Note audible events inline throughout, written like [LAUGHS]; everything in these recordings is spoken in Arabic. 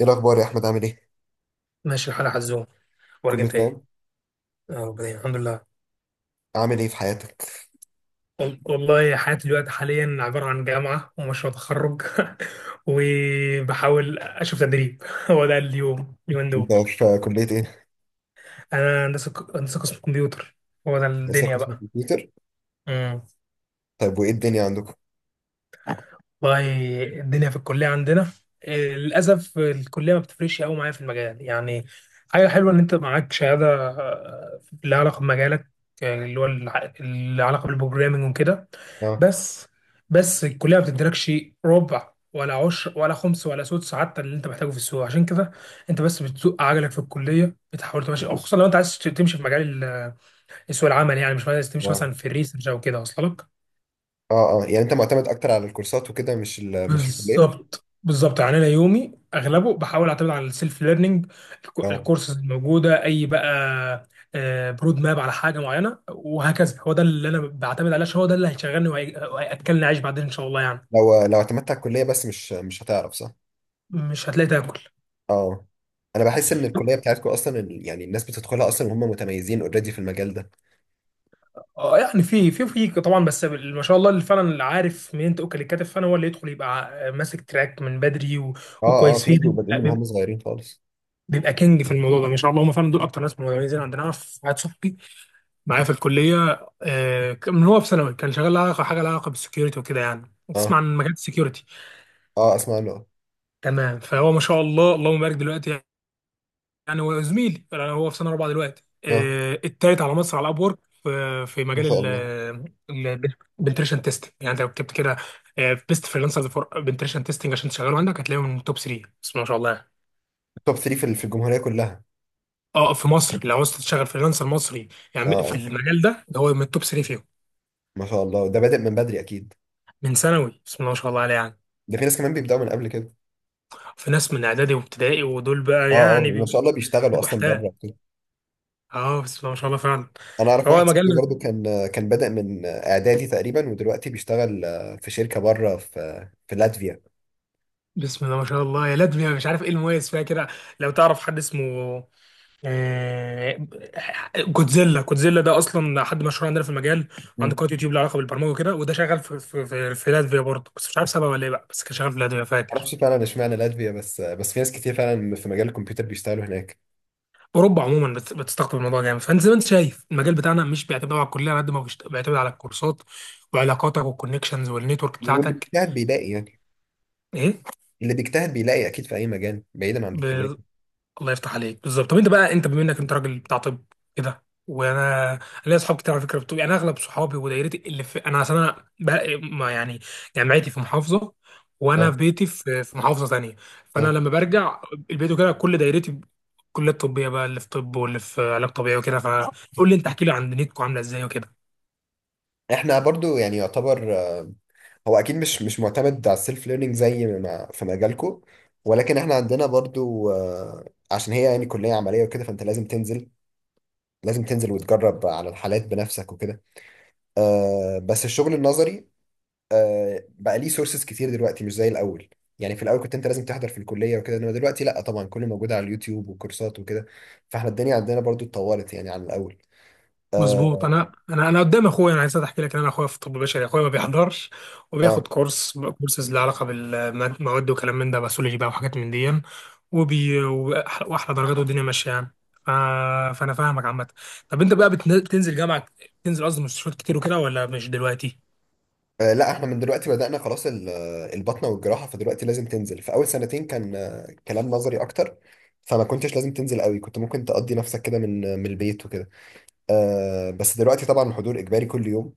ايه الاخبار يا احمد، عامل ايه؟ ماشي الحال يا حزوم، اخبارك كله انت ايه؟ تمام. اه، ربنا الحمد لله. عامل ايه في حياتك؟ والله حياتي دلوقتي حاليا عبارة عن جامعة ومشروع تخرج. [LAUGHS] وبحاول اشوف تدريب. [LAUGHS] هو ده اليوم اليومين انت دول. في كليه ايه؟ انا هندسة هندسة قسم كمبيوتر. هو ده لسه الدنيا قسم كمبيوتر؟ بقى. طيب وايه الدنيا عندكم؟ والله الدنيا في الكلية عندنا، للأسف الكلية ما بتفرقش قوي معايا في المجال، يعني. حاجة حلوة إن أنت معاك شهادة، لها علاقة بمجالك. اللي هو اللي علاقة بالبروجرامينج وكده. اه، بس بس الكلية ما بتديلكش ربع ولا عشر ولا خمس ولا سدس، حتى اللي أنت محتاجه في السوق، عشان كده أنت بس بتسوق عجلك في الكلية، بتحاول تمشي، خصوصا لو أنت عايز تمشي في مجال سوق العمل، يعني مش عايز تمشي اه، مثلا في الريسيرش أو كده أصلا. اه، اه، يعني انت معتمد اكتر على الكورسات وكده، مش ال مش الكليه. بالظبط، يعني انا يومي اغلبه بحاول اعتمد على السيلف ليرنينج، اه. الكورسز الموجوده اي بقى. برود ماب على حاجه معينه وهكذا. هو ده اللي انا بعتمد عليه، عشان هو ده اللي هيشغلني وهياكلني عيش بعدين ان شاء الله، يعني. لو اعتمدت على الكليه بس، مش هتعرف، صح؟ مش هتلاقي تاكل. اه. انا بحس ان الكليه بتاعتكم اصلا يعني الناس بتدخلها اصلا وهم متميزين اوريدي في المجال ده. اه، يعني في طبعا، بس ما شاء الله اللي فعلا عارف منين تاكل الكتف، فانا هو اللي يدخل يبقى ماسك تراك من بدري اه، اه، وكويس في ناس فيه. بيبقوا بادئين من وهم صغيرين خالص. بيبقى كينج في الموضوع ده، ما شاء الله. هم فعلا دول اكتر ناس مميزين عندنا. أنا في واحد صاحبي معايا في الكليه، من هو في ثانوي كان شغال لها علاقه، حاجه لها علاقه بالسكيورتي وكده، يعني تسمع اه، عن مجال السكيورتي. اه، اسمع له. تمام. فهو ما شاء الله اللهم بارك دلوقتي، يعني هو زميلي، يعني هو في سنه رابعه دلوقتي، اه، التالت على مصر على اب وورك في ما مجال شاء الله. البنتريشن تيست. يعني انت لو كتبت كده بيست فريلانسرز فور بنتريشن تيستنج عشان تشغله عندك، هتلاقيه من توب 3، بس ما شاء الله يعني. توب 3 في الجمهوريه كلها؟ اه، في مصر لو عاوز تشتغل فريلانسر مصري اه، يعني في اه، المجال ده هو من التوب 3 فيهم. ما شاء الله، ده بادئ من بدري اكيد. من ثانوي، بسم الله ما شاء الله عليه، يعني. ده في ناس كمان بيبداوا من قبل كده. في ناس من اعدادي وابتدائي، ودول بقى اه، اه، يعني ما شاء بيبقوا، الله، بيشتغلوا بيبقوا اصلا بره احتال. وكده. اه، بسم الله ما شاء الله فعلا. انا اعرف فهو واحد صاحبي مجال. برضو كان بدأ من اعدادي تقريبا، ودلوقتي بيشتغل في شركه بره في لاتفيا. بسم الله ما شاء الله يا لدمي، أنا مش عارف ايه المميز فيها كده. لو تعرف حد اسمه آه، جودزيلا، جودزيلا ده اصلا حد مشهور عندنا في المجال. عنده مم. قناه يوتيوب لها علاقه بالبرمجه وكده، وده شغال في لاتفيا برضه، بس مش عارف سبب ولا ايه بقى، بس كان شغال في لاتفيا فاكر. معرفش فعلا اشمعنى لاتفيا، بس في ناس كتير فعلا في مجال الكمبيوتر بيشتغلوا هناك. اوروبا عموما بتستقطب الموضوع جامد. فانت زي ما انت شايف، المجال بتاعنا مش بيعتمد على الكليه على قد ما بيعتمد على الكورسات وعلاقاتك والكونكشنز والنتورك واللي بتاعتك. بيجتهد بيلاقي يعني. اللي بيجتهد بيلاقي اكيد في اي مجال بعيدا عن الكليه. ايه، الله يفتح عليك بالظبط. طب انت بقى، انت بما انك انت راجل بتاع طب كده، وانا ليا اصحاب كتير على فكره بتوع، يعني اغلب صحابي ودايرتي اللي في، انا اصل انا بقى ما يعني، جامعتي في محافظه، وانا اه، في بيتي في محافظه ثانيه. فانا اه. لما برجع البيت وكده، كل دايرتي كليات طبيه بقى، اللي في طب واللي في علاج طبيعي وكده، فقول لي انت، احكي لي عن دنيتكم عامله ازاي وكده. احنا برضو يعني يعتبر، هو اكيد مش معتمد على السيلف ليرنينج زي ما في مجالكو، ولكن احنا عندنا برضو، عشان هي يعني كلية عملية وكده، فانت لازم تنزل. لازم تنزل وتجرب على الحالات بنفسك وكده. بس الشغل النظري بقى ليه سورسز كتير دلوقتي، مش زي الاول. يعني في الاول كنت انت لازم تحضر في الكلية وكده، انما دلوقتي لا طبعا، كله موجود على اليوتيوب وكورسات وكده. فاحنا الدنيا عندنا برضو اتطورت يعني عن الاول. مظبوط. اه. انا قدام اخويا، انا عايز احكي لك ان انا اخويا في طب بشري، اخويا ما بيحضرش، آه. وبياخد كورسز لها علاقه بالمواد وكلام من ده، باثولوجي بقى وحاجات من دي، واحلى درجات، والدنيا ماشيه يعني. ف... فانا فاهمك عامه. طب انت بقى بتنزل جامعه، بتنزل قصدي مستشفيات كتير وكده، ولا مش دلوقتي؟ آه، لا احنا من دلوقتي بدأنا خلاص البطنة والجراحة. فدلوقتي لازم تنزل. في أول سنتين كان كلام نظري أكتر، فما كنتش لازم تنزل قوي، كنت ممكن تقضي نفسك كده من، من البيت وكده. آه، بس دلوقتي طبعا الحضور إجباري كل يوم.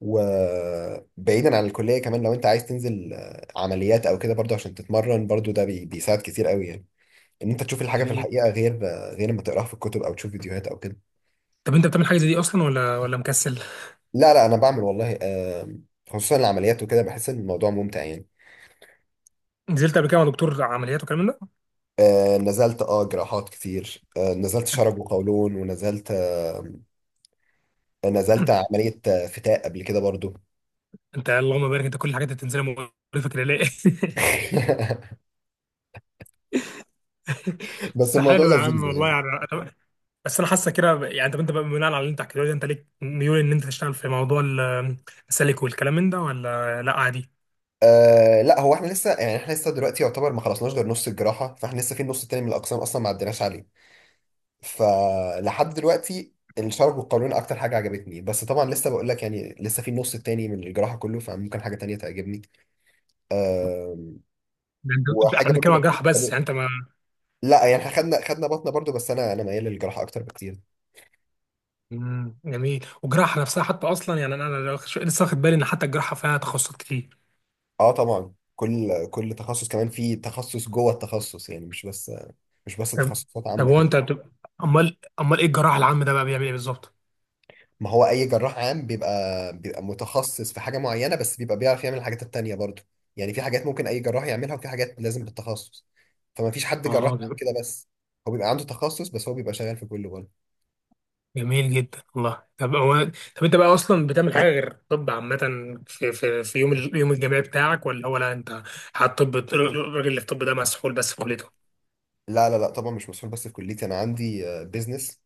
وبعيدا عن الكلية كمان، لو أنت عايز تنزل عمليات أو كده برضو عشان تتمرن، برضو ده بيساعد كتير قوي يعني. إن أنت تشوف الحاجة في جميل. الحقيقة غير، غير ما تقراها في الكتب أو تشوف فيديوهات أو كده. طب انت بتعمل حاجه زي دي اصلا ولا مكسل؟ لا لا، أنا بعمل والله، خصوصا العمليات وكده، بحس إن الموضوع ممتع يعني. نزلت قبل كده مع دكتور عمليات وكلام من ده؟ آه نزلت، اه، جراحات كتير. آه نزلت شرج وقولون، ونزلت نزلت عملية فتاء قبل كده برضو. انت اللهم بارك، انت كل الحاجات اللي بتنزلها مقرفه كده ليه؟ [LAUGHS] [LAUGHS] بس بس الموضوع حلو يا عم لذيذ والله يعني. يعني. بس انا حاسه كده يعني. طب انت بقى بناء على اللي انت حكيته لي ده، انت ليك ميول ان انت تشتغل في موضوع السلك والكلام من ده، ولا لا عادي؟ آه لا، هو احنا لسه دلوقتي يعتبر ما خلصناش غير نص الجراحة. فاحنا لسه في النص التاني من الأقسام أصلا ما عديناش عليه. فلحد دلوقتي الشرج والقولون أكتر حاجة عجبتني، بس طبعا لسه بقول لك يعني، لسه في النص التاني من الجراحة كله، فممكن حاجة تانية تعجبني. آه. احنا وحاجة برضو. بنتكلم عن جراحه بس، يعني انت ما. لا يعني احنا خدنا بطنه برضو، بس انا ميال للجراحه اكتر بكتير. مم، جميل. والجراحه نفسها حتى اصلا، يعني انا لسه واخد بالي ان حتى الجراحه فيها تخصصات كتير. اه طبعا، كل تخصص كمان في تخصص جوه التخصص يعني، مش بس طب تخصصات طب عامه هو كده. انت بتبقى، امال ايه الجراح العام ده بقى بيعمل ايه بالظبط؟ ما هو اي جراح عام بيبقى متخصص في حاجه معينه، بس بيبقى بيعرف يعمل الحاجات التانيه برضو. يعني في حاجات ممكن اي جراح يعملها، وفي حاجات لازم بالتخصص. فما فيش حد جراح عام اه، كده بس، هو بيبقى عنده تخصص، بس هو بيبقى شغال في كل جوه. جميل جدا والله. طب هو، طب انت بقى اصلا بتعمل حاجه غير طب عامه في يوم الجامعي بتاعك، ولا هو، لا، انت حاطط طب الراجل اللي في الطب ده مسحول بس في كليته؟ لا لا لا، طبعا مش مسؤول بس في كليتي، انا عندي بيزنس.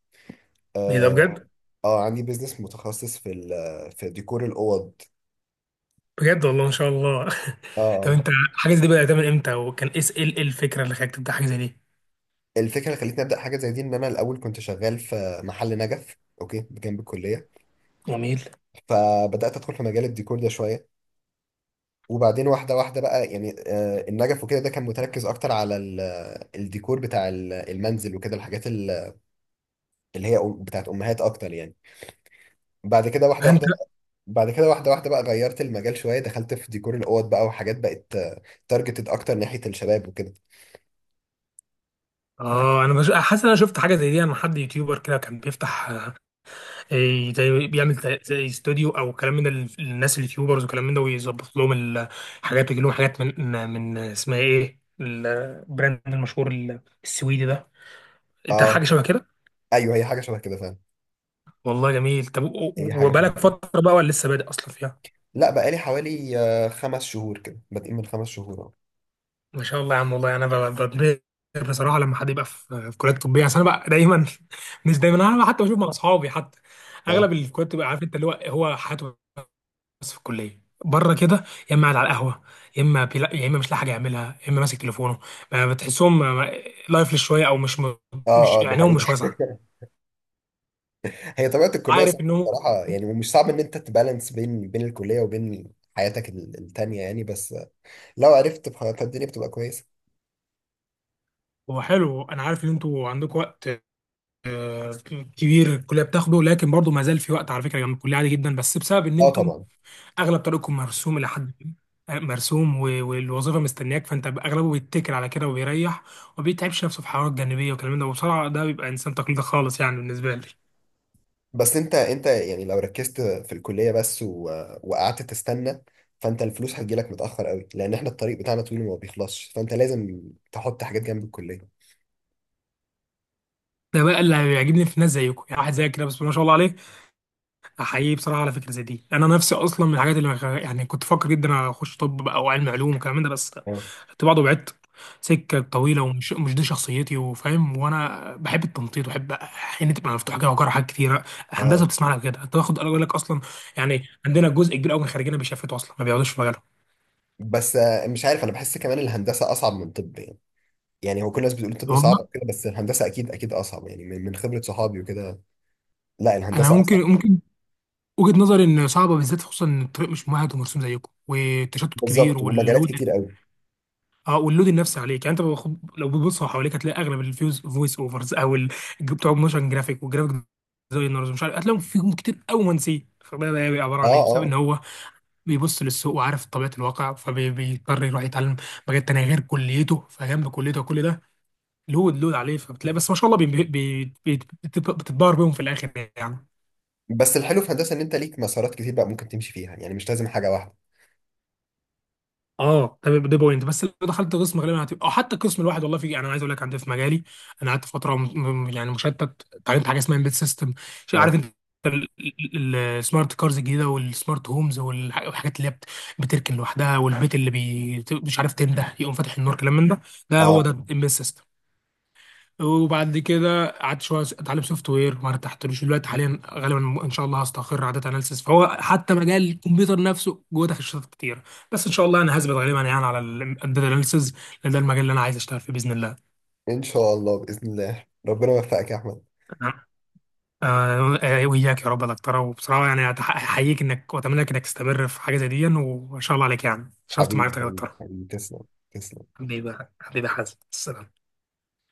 ايه ده، اه business. بجد؟ آه، عندي بيزنس متخصص في ديكور الاوض. بجد والله ما شاء الله. [LAUGHS] طب اه. انت، حاجه زي دي بدات من امتى؟ وكان ايه ايه الفكره اللي خلاك تبدا حاجه زي دي؟ الفكره اللي خلتني ابدا حاجه زي دي، ان انا الاول كنت شغال في محل نجف، اوكي، جنب الكليه. جميل. فبدات ادخل في مجال الديكور ده شويه. وبعدين واحده واحده بقى، يعني، النجف وكده ده كان متركز اكتر على الديكور بتاع المنزل وكده، الحاجات بتاعت امهات اكتر يعني. بعد كده واحده فانت، واحده بقى- بعد كده واحده واحده بقى غيرت المجال شويه، دخلت في ديكور الاوض بقى، وحاجات بقت تارجتد اكتر ناحيه الشباب وكده. اه، انا حاسس ان انا شفت حاجه زي دي. انا حد يوتيوبر كده كان بيفتح، إيه، زي بيعمل زي زي استوديو او كلام من الناس اليوتيوبرز وكلام من ده، ويظبط لهم الحاجات ويجي لهم حاجات من اسمها ايه، البراند المشهور السويدي ده، انت حاجه اه. شبه كده. ايوه، هي حاجه شبه كده فعلا. والله جميل. طب هي حاجه شبه وبقالك فتره بقى، ولا لسه بادئ اصلا فيها؟ لا، بقالي حوالي، 5 شهور كده، بادئين من 5 شهور اهو. ما شاء الله يا عم والله، انا بتبهر بصراحه لما حد يبقى في كليات طبيه، عشان انا بقى دايما، [LAUGHS] مش دايما، انا حتى بشوف مع اصحابي حتى اه، اغلب الكليات بتبقى، عارف انت، اللي هو حياته بس في الكليه بره كده، يا اما قاعد على القهوه، يا اما مش لاقي حاجه يعملها، يا اما ماسك تليفونه. ما بتحسهم، لايفلس شويه، او اه، مش اه، دي عينيهم حقيقة. مش واسعه، [LAUGHS] هي طبيعة الكلية عارف صعبة انه. بصراحة يعني، ومش صعب ان انت تبالانس بين الكلية وبين حياتك التانية يعني، بس، لو عرفت بخطة الدنيا بتبقى كويسة. هو حلو، انا عارف ان انتوا عندكم وقت آه، كبير، الكليه بتاخده، لكن برضه ما زال في وقت على فكره جنب الكليه عادي جدا، بس بسبب ان اه انتم طبعا. اغلب طريقكم مرسوم الى حد ما، مرسوم والوظيفه مستنياك، فانت اغلبه بيتكل على كده وبيريح، وما بيتعبش نفسه في حوارات جانبيه والكلام ده. وبصراحه ده بيبقى انسان تقليدي خالص، يعني بالنسبه لي. بس انت يعني لو ركزت في الكلية بس وقعدت تستنى، فانت الفلوس هتجيلك متأخر قوي، لان احنا الطريق بتاعنا طويل وما بيخلصش، فانت لازم تحط حاجات جنب الكلية. ده بقى اللي بيعجبني في ناس زيكم، يعني واحد زيك كده، بس ما شاء الله عليه. احييه بصراحه على فكره زي دي. انا نفسي اصلا من الحاجات اللي يعني، كنت فاكر جدا اخش طب بقى او علم علوم وكلام من ده، بس اه، كنت بعض وبعدت، سكه طويله ومش مش دي شخصيتي، وفاهم، وانا بحب التنطيط وبحب حين تبقى مفتوحه كده وجرى حاجات كتيره. اه. هندسه بتسمع لك كده، انت واخد اقول لك اصلا، يعني عندنا جزء كبير قوي من خريجنا بيشفتوا اصلا ما بيقعدوش في مجالهم. بس، مش عارف، انا بحس كمان الهندسة اصعب من طب يعني. يعني هو كل الناس بتقول الطب صعب والله، وكده، بس الهندسه اكيد اكيد اصعب يعني، من خبره صحابي وكده. لا انا الهندسه ممكن اصعب. ممكن وجهة نظري ان صعبه بالذات، خصوصا ان الطريق مش ممهد ومرسوم زيكم، والتشتت كبير، بالظبط، ومجالات واللود، كتير قوي. اه، واللود النفسي عليك، يعني انت، لو بتبص حواليك هتلاقي اغلب الفيوز فويس اوفرز او بتوع موشن جرافيك والجرافيك ديزاينرز ومش عارف، هتلاقيهم فيهم كتير قوي منسي. فده بقى بيبقى عباره اه، عن ايه؟ بسبب ان اه. هو بيبص للسوق وعارف طبيعه الواقع، فبيضطر يروح يتعلم مجال تاني غير كليته، فجنب كليته وكل ده لود عليه، فبتلاقي، بس ما شاء الله، بتتبهر بيهم في الاخر يعني. بس الحلو في الهندسه ان انت ليك مسارات كتير بقى ممكن تمشي فيها يعني، مش لازم حاجه واحده. اه، ده بوينت، بس لو دخلت قسم غالبا هتبقى، او حتى القسم الواحد والله في، يعني انا عايز اقول لك عندي في مجالي، انا قعدت فتره يعني مشتت، اتعلمت حاجه اسمها امبيد سيستم، عارف اه، انت، السمارت كارز الجديده والسمارت هومز، والحاجات اللي هي بتركن لوحدها، والبيت اللي مش عارف، تنده يقوم فاتح النور، كلام من ده. ده هو ده اه. الامبيد سيستم. وبعد كده قعدت شويه اتعلم سوفت وير، ما ارتحتلوش. دلوقتي حاليا غالبا ان شاء الله هستقر على داتا اناليسيس، فهو حتى مجال الكمبيوتر نفسه جوه تخصصات كتير. بس ان شاء الله انا هثبت غالبا، يعني على الداتا اناليسيس، لان ده المجال اللي انا عايز اشتغل فيه باذن الله. ان شاء الله باذن الله، ربنا يوفقك يا احمد. آه، آه، وإياك يا رب يا دكتورة. وبصراحة يعني أحييك إنك، وأتمنى لك إنك تستمر في حاجة زي دي، وإن شاء الله عليك. يعني شرفت حبيبي معرفتك يا حبيبي دكتورة. حبيبي، تسلم. تسلم. حبيبي حبيبي، حازم السلام.